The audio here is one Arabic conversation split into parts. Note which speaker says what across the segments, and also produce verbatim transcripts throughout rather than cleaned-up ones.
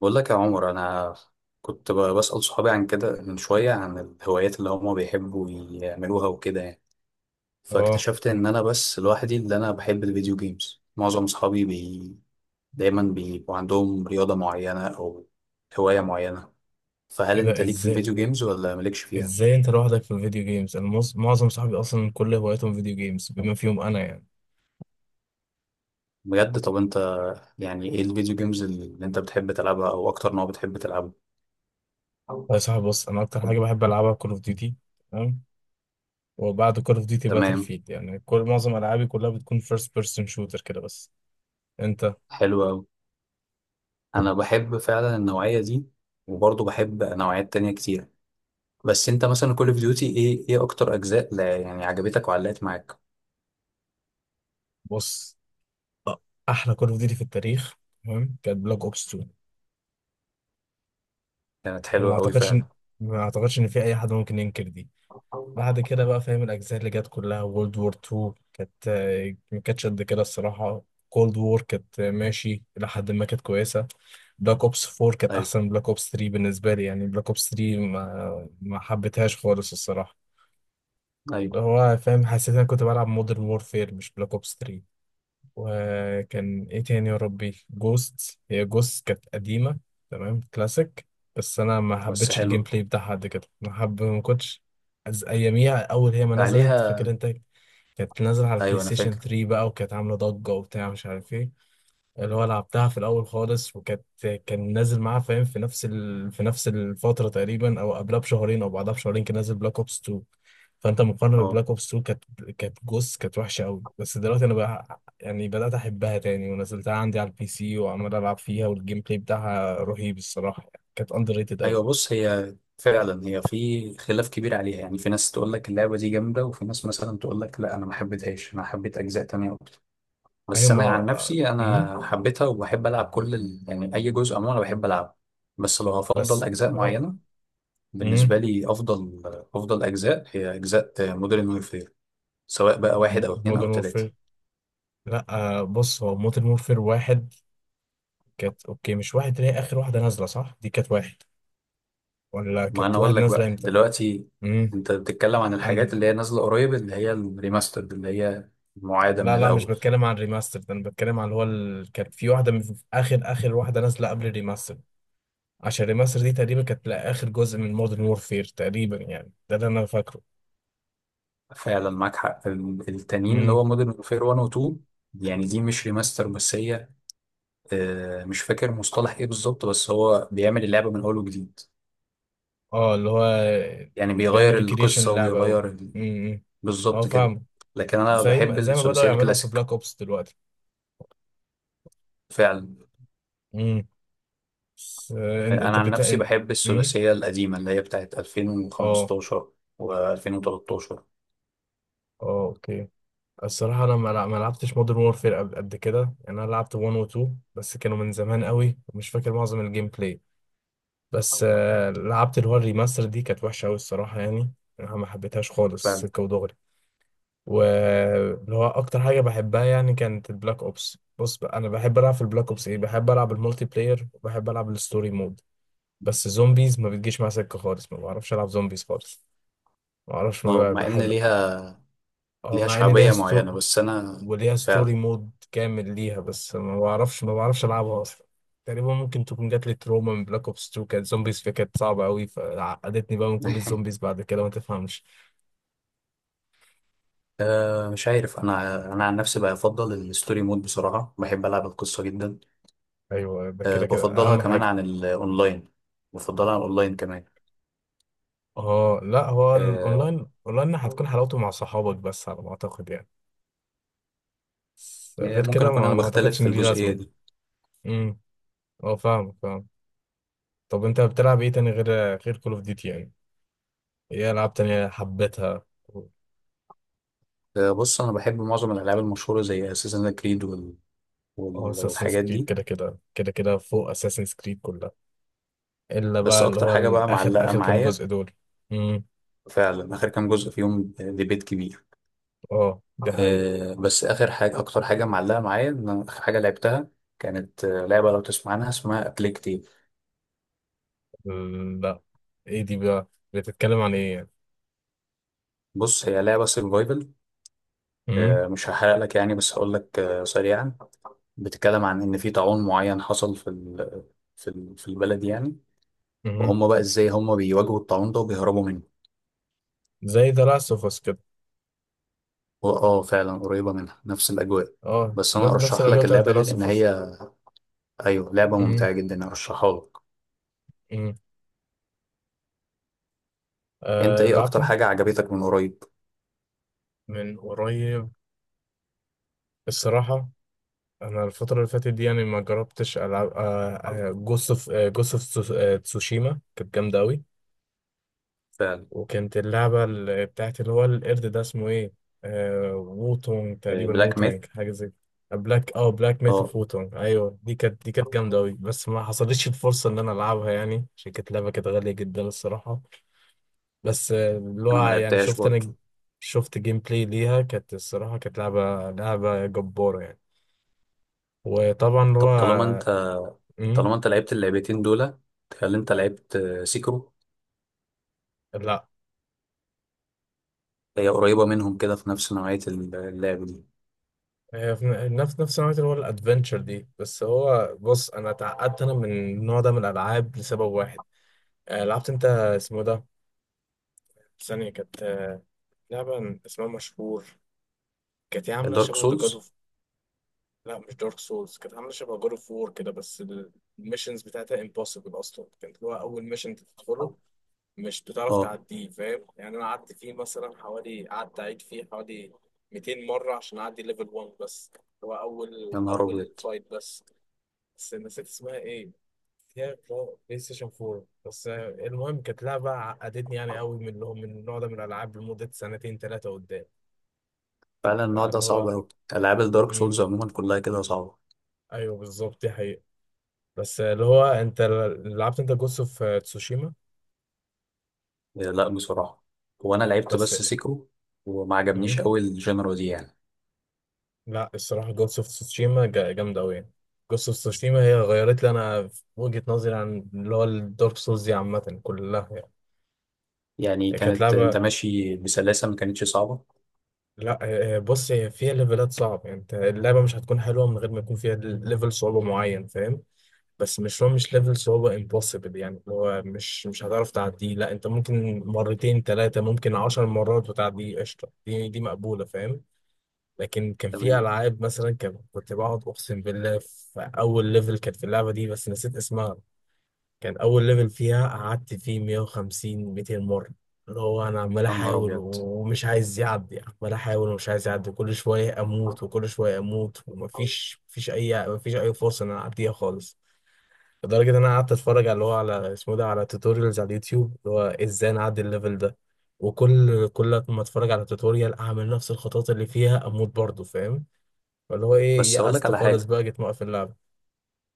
Speaker 1: بقول لك يا عمر انا كنت ب- بسأل صحابي عن كده من شوية عن الهوايات اللي هما بيحبوا يعملوها وكده يعني.
Speaker 2: اه
Speaker 1: فاكتشفت ان انا بس لوحدي اللي انا بحب الفيديو جيمز. معظم صحابي بي... دايما بيبقوا عندهم رياضة معينة او هواية معينة. فهل
Speaker 2: ايه
Speaker 1: انت
Speaker 2: ده؟
Speaker 1: ليك في
Speaker 2: ازاي
Speaker 1: الفيديو جيمز ولا مالكش فيها؟
Speaker 2: ازاي انت لوحدك في الفيديو جيمز؟ انا مص- معظم صحابي اصلا كل هواياتهم فيديو جيمز بما فيهم انا يعني.
Speaker 1: بجد؟ طب انت يعني ايه الفيديو جيمز اللي انت بتحب تلعبها او اكتر نوع بتحب تلعبه؟
Speaker 2: طيب يا صاحبي، بص، انا اكتر حاجه بحب العبها كول اوف ديوتي. تمام. وبعد كول اوف ديوتي باتل
Speaker 1: تمام.
Speaker 2: فيلد، يعني كل معظم العابي كلها بتكون فيرست بيرسون شوتر كده بس. انت؟
Speaker 1: حلو أوي. أنا بحب فعلا النوعية دي، وبرضه بحب نوعيات تانية كتير. بس انت مثلا كول اوف ديوتي ايه ايه اكتر اجزاء، لا يعني، عجبتك وعلقت معاك؟
Speaker 2: بص. أ- احلى كول اوف ديوتي في التاريخ، تمام، كانت بلاك اوبس تو.
Speaker 1: كانت
Speaker 2: ما
Speaker 1: حلوه قوي
Speaker 2: اعتقدش إن-
Speaker 1: فعلا.
Speaker 2: ما اعتقدش ان في اي حد ممكن ينكر دي. بعد كده بقى، فاهم، الأجزاء اللي جت كلها، وورلد وور تو كانت آه، ما كانتش قد كده الصراحة. كولد وور كانت آه، ماشي إلى حد ما، كانت كويسة. بلاك أوبس فور كانت
Speaker 1: ايوه،
Speaker 2: أحسن من بلاك أوبس ثري بالنسبة لي، يعني بلاك أوبس ثري ما ما حبيتهاش خالص الصراحة. اللي
Speaker 1: ايوه.
Speaker 2: هو فاهم، حسيت إن أنا كنت بلعب مودرن وورفير مش بلاك أوبس تلاتة. وكان ايه تاني يا ربي؟ جوست. هي جوست كانت قديمة، تمام، كلاسيك. بس انا ما
Speaker 1: بس
Speaker 2: حبيتش الجيم
Speaker 1: حلوه
Speaker 2: بلاي بتاعها قد كده. ما حب ما كنتش از- اياميها اول هي ما نزلت، فاكر
Speaker 1: عليها.
Speaker 2: انت، كانت نازلة على البلاي
Speaker 1: ايوه انا
Speaker 2: ستيشن
Speaker 1: فاكر.
Speaker 2: ثلاثة بقى، وكانت عاملة ضجة وبتاع مش عارف إيه. اللي هو لعبتها في الاول خالص، وكانت كان نازل معاه فاهم في نفس ال... في نفس الفتره تقريبا، او قبلها بشهرين او بعدها بشهرين كان نازل بلاك اوبس تو. فانت مقارنه
Speaker 1: اه،
Speaker 2: ببلاك اوبس تو، كانت كانت جوس كانت وحشه قوي. بس دلوقتي انا بقى يعني بدات احبها تاني ونزلتها عندي على البي سي وعمال العب فيها، والجيم بلاي بتاعها رهيب الصراحه، يعني كانت اندر ريتد قوي.
Speaker 1: ايوه. بص، هي فعلا هي في خلاف كبير عليها، يعني في ناس تقول لك اللعبه دي جامده، وفي ناس مثلا تقول لك لا، انا ما حبيتهاش، انا حبيت اجزاء تانية اكتر.
Speaker 2: ايوه
Speaker 1: بس
Speaker 2: ما
Speaker 1: انا عن
Speaker 2: آه،
Speaker 1: نفسي
Speaker 2: مم.
Speaker 1: انا حبيتها، وبحب العب كل ال... يعني اي جزء عموما انا بحب العبه. بس لو
Speaker 2: بس
Speaker 1: هفضل اجزاء
Speaker 2: اه.
Speaker 1: معينه، بالنسبه لي افضل افضل اجزاء هي اجزاء مودرن وورفير، سواء بقى واحد او اتنين او
Speaker 2: مودرن
Speaker 1: تلاتة.
Speaker 2: وورفير، لا آه، بص هو مودرن وورفير واحد كانت اوكي. مش واحد اللي هي اخر واحده نازله، صح؟ دي كانت واحد، ولا
Speaker 1: ما انا
Speaker 2: كانت واحد
Speaker 1: اقول لك
Speaker 2: نازله
Speaker 1: بقى
Speaker 2: امتى؟
Speaker 1: دلوقتي،
Speaker 2: امم.
Speaker 1: انت بتتكلم عن
Speaker 2: أنا...
Speaker 1: الحاجات اللي هي نازلة قريب، اللي هي الريماسترد، اللي هي معادة من
Speaker 2: لا لا، مش
Speaker 1: الاول.
Speaker 2: بتكلم عن الريماستر ده، انا بتكلم عن اللي هو ال... كان في واحده من اخر اخر واحده نازله قبل الريماستر. عشان الريماستر دي تقريبا كانت، لا، اخر جزء من مودرن وورفير تقريبا يعني، ده اللي انا فاكره.
Speaker 1: فعلا معاك حق، ال- التانيين اللي
Speaker 2: امم.
Speaker 1: هو مودرن وفير واحد و اتنين، يعني دي مش ريماستر، بس هي آه، مش فاكر مصطلح ايه بالظبط، بس هو بيعمل اللعبة من اول وجديد.
Speaker 2: اه. اللي هو
Speaker 1: يعني
Speaker 2: بيعمل
Speaker 1: بيغير
Speaker 2: ريكريشن
Speaker 1: القصة
Speaker 2: اللعبه قوي.
Speaker 1: وبيغير ال-
Speaker 2: امم. اه
Speaker 1: بالظبط كده.
Speaker 2: فاهم.
Speaker 1: لكن انا
Speaker 2: زي
Speaker 1: بحب
Speaker 2: ما زي ما بدأوا
Speaker 1: الثلاثية
Speaker 2: يعملوا في
Speaker 1: الكلاسيك.
Speaker 2: بلاك اوبس دلوقتي.
Speaker 1: فعلا.
Speaker 2: امم. بس، آه، انت
Speaker 1: انا
Speaker 2: أنت
Speaker 1: عن
Speaker 2: بتا...
Speaker 1: نفسي
Speaker 2: أنت-
Speaker 1: بحب
Speaker 2: امم.
Speaker 1: الثلاثيه القديمه اللي هي بتاعت
Speaker 2: اه.
Speaker 1: ألفين وخمستاشر و2013.
Speaker 2: اه اوكي. الصراحة أنا ما لع- ما لعبتش مودرن وورفير قبل قد كده. يعني أنا لعبت واحد و اتنين بس، كانوا من زمان قوي ومش فاكر معظم الجيم بلاي. بس آه، لعبت اللي هو الريماستر دي، كانت وحشة قوي الصراحة يعني. أنا ما حبيتهاش خالص،
Speaker 1: فعلا.
Speaker 2: سكة ودغري. واللي هو أكتر حاجة بحبها يعني كانت البلاك أوبس. بص بقى، أنا بحب ألعب في البلاك أوبس إيه؟ بحب ألعب المولتي بلاير، وبحب ألعب الستوري مود. بس زومبيز ما بتجيش مع سكة خالص، ما بعرفش ألعب زومبيز خالص. ما بعرفش
Speaker 1: اه،
Speaker 2: ما
Speaker 1: مع ان
Speaker 2: بحب.
Speaker 1: ليها
Speaker 2: اه
Speaker 1: ليها
Speaker 2: مع ان ليها
Speaker 1: شعبيه
Speaker 2: ستوري،
Speaker 1: معينه بس انا.
Speaker 2: وليها ستوري
Speaker 1: فعلا.
Speaker 2: مود كامل ليها، بس ما بعرفش، ما بعرفش العبها اصلا. تقريبا ممكن تكون جات لي تروما من بلاك اوبس اتنين، كانت زومبيز فيها كانت صعبه قوي، فعقدتني بقى من كل الزومبيز بعد كده، ما تفهمش.
Speaker 1: أه مش عارف، انا انا عن نفسي بفضل الستوري مود، بصراحه بحب العب القصه جدا.
Speaker 2: ايوه ده
Speaker 1: أه
Speaker 2: كده كده
Speaker 1: بفضلها
Speaker 2: اهم
Speaker 1: كمان
Speaker 2: حاجه.
Speaker 1: عن الاونلاين. بفضلها عن الاونلاين كمان.
Speaker 2: اه لا، هو
Speaker 1: أه.
Speaker 2: الاونلاين، اونلاين هتكون حلاوته مع صحابك بس على ما اعتقد يعني. بس
Speaker 1: يعني
Speaker 2: غير
Speaker 1: ممكن
Speaker 2: كده
Speaker 1: اكون
Speaker 2: ما,
Speaker 1: انا
Speaker 2: ما اعتقدش
Speaker 1: بختلف في
Speaker 2: ان دي
Speaker 1: الجزئيه
Speaker 2: لازمه.
Speaker 1: دي.
Speaker 2: امم. اه فاهم فاهم. طب انت بتلعب ايه تاني غير غير كول اوف ديوتي يعني؟ ايه العاب تانية حبيتها؟
Speaker 1: أه، بص انا بحب معظم الالعاب المشهوره زي اساسن كريد وال...
Speaker 2: هو
Speaker 1: وال-
Speaker 2: اساسنز
Speaker 1: والحاجات
Speaker 2: كريد
Speaker 1: دي.
Speaker 2: كده كده كده كده فوق اساسنز كريد كلها، الا
Speaker 1: بس
Speaker 2: بقى اللي
Speaker 1: اكتر
Speaker 2: هو
Speaker 1: حاجه بقى
Speaker 2: الاخر،
Speaker 1: معلقه
Speaker 2: اخر كام جزء
Speaker 1: معايا،
Speaker 2: دول. امم.
Speaker 1: فعلا اخر كام جزء فيهم ديبيت كبير.
Speaker 2: اه دي حقيقة.
Speaker 1: آه، بس اخر حاجه، اكتر حاجه معلقه معايا، ان اخر حاجه لعبتها كانت آه، لعبه، لو تسمع عنها اسمها ابليكتيف.
Speaker 2: لا. ايه دي بقى؟ بتتكلم عن ايه يعني؟
Speaker 1: بص، هي لعبه سرفايفل.
Speaker 2: امم.
Speaker 1: مش هحرق لك يعني، بس هقول لك آه، سريعا. بتتكلم عن ان في طاعون معين حصل في ال- في ال- في البلد يعني.
Speaker 2: امم.
Speaker 1: وهم بقى ازاي هم بيواجهوا الطاعون ده وبيهربوا منه.
Speaker 2: زي ذا لاست اوف اس كده.
Speaker 1: واه فعلا قريبه منها، نفس الاجواء.
Speaker 2: اه،
Speaker 1: بس انا
Speaker 2: نفس نفس
Speaker 1: ارشح
Speaker 2: الاجواء
Speaker 1: لك
Speaker 2: بتاعت ذا
Speaker 1: اللعبه دي،
Speaker 2: لاست
Speaker 1: لان
Speaker 2: اوف اس.
Speaker 1: هي ايوه لعبه
Speaker 2: امم.
Speaker 1: ممتعه جدا، ارشحها لك.
Speaker 2: امم.
Speaker 1: انت
Speaker 2: آه
Speaker 1: ايه
Speaker 2: لعبت
Speaker 1: اكتر
Speaker 2: انت؟
Speaker 1: حاجه عجبتك من قريب؟
Speaker 2: من قريب؟ الصراحة انا الفترة اللي فاتت دي يعني ما جربتش العب، آه، جوست اوف جوست اوف تسوشيما، كانت جامدة قوي.
Speaker 1: فعلا.
Speaker 2: وكانت اللعبة ال- بتاعت اللي هو القرد ده، اسمه ايه؟ آه ووتونج تقريبا،
Speaker 1: بلاك ميث.
Speaker 2: ووتانج حاجة زي كده. بلاك، اه، بلاك ميث اوف
Speaker 1: اه،
Speaker 2: ووتونج. ايوه، دي كانت دي كانت جامدة أوي، بس ما حصلتش الفرصة إن أنا ألعبها يعني عشان كانت لعبة كانت غالية جدا الصراحة. بس آه، اللي
Speaker 1: انا ما
Speaker 2: هو يعني
Speaker 1: لعبتهاش
Speaker 2: شفت أنا،
Speaker 1: برضه.
Speaker 2: شفت جيم بلاي ليها، كانت الصراحة كانت لعبة لعبة جبارة يعني. وطبعا اللي هو
Speaker 1: طب طالما انت
Speaker 2: آه، مم،
Speaker 1: طالما انت لعبت اللعبتين دول، تخيل انت لعبت آه، سيكرو.
Speaker 2: لا
Speaker 1: هي قريبه منهم كده، في نفس نوعيه اللعب دي.
Speaker 2: هي في نفس نفس نوعية اللي هو الادفنتشر دي. بس هو بص، انا اتعقدت انا من النوع ده من الالعاب لسبب واحد. آه، لعبت انت اسمه ده؟ ثانية كانت، آه، لعبة اسمها مشهور، كانت هي عاملة
Speaker 1: دارك
Speaker 2: شبه ذا جاد
Speaker 1: سولز.
Speaker 2: اوف. لا مش دارك سولز، كانت عاملة شبه جاد اوف وور كده بس. الميشنز بتاعتها امبوسيبل اصلا، كانت هو اول ميشن تدخله مش بتعرف
Speaker 1: اه،
Speaker 2: تعديه فاهم يعني. انا قعدت فيه مثلا حوالي، قعدت اعيد فيه حوالي 200 مرة عشان اعدي ليفل واحد بس. هو
Speaker 1: يا
Speaker 2: اول
Speaker 1: نهار
Speaker 2: اول
Speaker 1: ابيض.
Speaker 2: فايت بس. بس نسيت اسمها ايه. هي بلاي بلاي ستيشن فور بس. المهم كانت لعبة عقدتني يعني قوي من اللي هو من النوع ده من الألعاب، لمدة سنتين ثلاثة قدام.
Speaker 1: فعلا النوع ده
Speaker 2: فاللي
Speaker 1: صعب
Speaker 2: هو،
Speaker 1: قوي. العاب الدارك سولز
Speaker 2: مم.
Speaker 1: عموما كلها كده صعبه.
Speaker 2: أيوه بالظبط دي حقيقة. بس اللي هو أنت، لعبت أنت جوست أوف تسوشيما؟
Speaker 1: آه، لا بصراحه، وانا لعبت
Speaker 2: بس،
Speaker 1: بس سيكرو، وما عجبنيش
Speaker 2: مم.
Speaker 1: قوي الجنرا دي يعني.
Speaker 2: لا الصراحة جوست أوف تسوشيما جا- جامدة أوي يعني. جوست أوف تسوشيما هي غيرت لي أنا في وجهة نظري عن اللي هو الدارك سولز دي عامة كلها يعني.
Speaker 1: يعني
Speaker 2: هي كانت
Speaker 1: كانت انت
Speaker 2: لعبة،
Speaker 1: ماشي بسلاسه، ما كانتش صعبه؟
Speaker 2: لا آه، آه، بص هي فيها ليفلات صعب، يعني انت اللعبه مش هتكون حلوه من غير ما يكون فيها ليفل صعوبه معين فاهم. بس مش هو، مش ليفل صعوبه امبوسيبل يعني، اللي هو مش مش هتعرف تعديه. لا انت ممكن مرتين ثلاثه ممكن عشر مرات وتعديه قشطه، دي دي مقبوله فاهم. لكن كان في
Speaker 1: تمام.
Speaker 2: العاب مثلا كان- كنت بقعد اقسم بالله في اول ليفل كانت في اللعبه دي، بس نسيت اسمها. كان اول ليفل فيها قعدت فيه مئة وخمسين ميتين مره، اللي هو انا عمال
Speaker 1: يا نهار
Speaker 2: احاول
Speaker 1: ابيض.
Speaker 2: ومش عايز يعدي، عمال احاول ومش عايز يعدي، كل شويه اموت وكل شويه اموت، ومفيش مفيش اي مفيش اي فرصه ان انا اعديها خالص. لدرجه ان انا قعدت اتفرج على اللي هو على اسمه ده، على توتوريالز على اليوتيوب، اللي هو ازاي نعدي الليفل ده. وكل كل ما اتفرج على توتوريال اعمل نفس الخطوات اللي فيها اموت برضه فاهم. فاللي هو ايه،
Speaker 1: بس اقول لك
Speaker 2: يأست
Speaker 1: على
Speaker 2: خالص
Speaker 1: حاجه.
Speaker 2: بقى، جيت موقف اللعبه.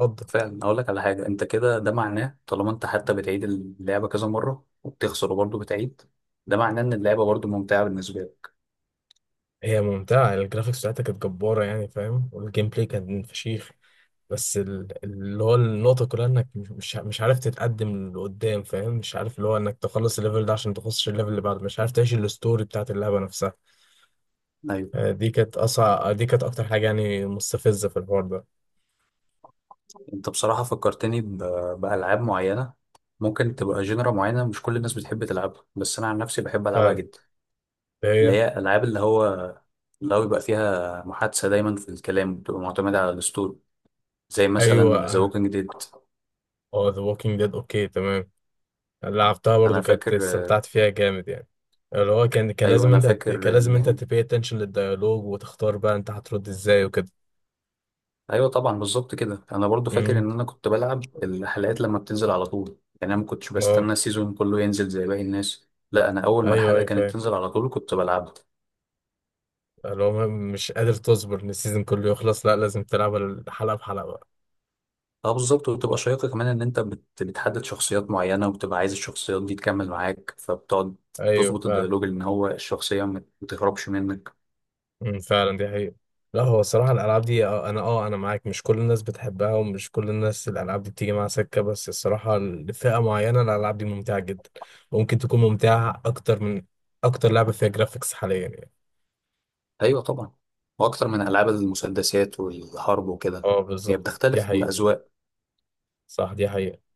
Speaker 2: اتفضل.
Speaker 1: فعلا اقول لك على حاجه، انت كده ده معناه طالما انت حتى بتعيد اللعبه كذا مره وبتخسر وبرضه بتعيد، ده معناه ان اللعبه برضه ممتعه بالنسبه لك.
Speaker 2: هي ممتعة، الجرافيكس بتاعتها كانت جبارة يعني فاهم، والجيم بلاي كان فشيخ. بس ال- اللي هو النقطة كلها انك مش، مش مش عارف تتقدم لقدام فاهم. مش عارف اللي هو انك تخلص الليفل ده عشان تخش الليفل اللي بعده، مش عارف تعيش الستوري بتاعت اللعبة نفسها.
Speaker 1: ايوه.
Speaker 2: آه، دي كانت اصعب، دي كانت اكتر حاجة يعني مستفزة في الحوار ده.
Speaker 1: انت بصراحه فكرتني ب- بالعاب معينه، ممكن تبقى جينرا معينه مش كل الناس بتحب تلعبها، بس انا عن نفسي بحب العبها
Speaker 2: فعلا.
Speaker 1: جدا. اللي
Speaker 2: هي.
Speaker 1: هي العاب، اللي هو اللي هو بيبقى فيها محادثه دايما، في الكلام بتبقى معتمده على الاسطوري، زي مثلا ذا
Speaker 2: ايوه.
Speaker 1: ووكينج ديد.
Speaker 2: اه ذا ووكينج ديد، اوكي تمام، لعبتها
Speaker 1: انا
Speaker 2: برضو كانت
Speaker 1: فاكر.
Speaker 2: استمتعت فيها جامد يعني. اللي هو كان، كان
Speaker 1: ايوه
Speaker 2: لازم
Speaker 1: انا
Speaker 2: انت، كان
Speaker 1: فاكر
Speaker 2: لازم
Speaker 1: ان،
Speaker 2: انت تبي اتنشن للديالوج وتختار بقى انت هترد ازاي وكده.
Speaker 1: ايوه طبعا بالظبط كده، انا برضو فاكر
Speaker 2: امم.
Speaker 1: ان انا كنت بلعب الحلقات لما بتنزل على طول. يعني انا ما كنتش
Speaker 2: اه.
Speaker 1: بستنى السيزون كله ينزل زي باقي الناس. لا، انا اول ما
Speaker 2: ايوه
Speaker 1: الحلقه
Speaker 2: ايوه
Speaker 1: كانت
Speaker 2: فاهم.
Speaker 1: تنزل على طول كنت بلعبها.
Speaker 2: اللي هو م- مش قادر تصبر ان السيزون كله يخلص، لا لازم تلعب الحلقه بحلقه بقى.
Speaker 1: اه بالظبط، وبتبقى شيقه كمان ان انت بت... بتحدد شخصيات معينه، وبتبقى عايز الشخصيات دي تكمل معاك فبتقعد
Speaker 2: ايوه
Speaker 1: تظبط
Speaker 2: فعلا.
Speaker 1: الديالوج ان هو الشخصيه ما ما تهربش منك.
Speaker 2: امم فعلا دي حقيقه. لا هو الصراحه الالعاب دي، آه، انا اه انا معاك، مش كل الناس بتحبها ومش كل الناس الالعاب دي بتيجي معاها سكه، بس الصراحه لفئه معينه الالعاب دي ممتعه جدا. ممكن تكون ممتعه اكتر من اكتر لعبه فيها جرافيكس حاليا يعني.
Speaker 1: ايوه طبعا. واكتر من العاب المسدسات والحرب وكده.
Speaker 2: اه
Speaker 1: هي
Speaker 2: بالظبط دي
Speaker 1: بتختلف
Speaker 2: حقيقه.
Speaker 1: بالاذواق.
Speaker 2: صح دي حقيقه.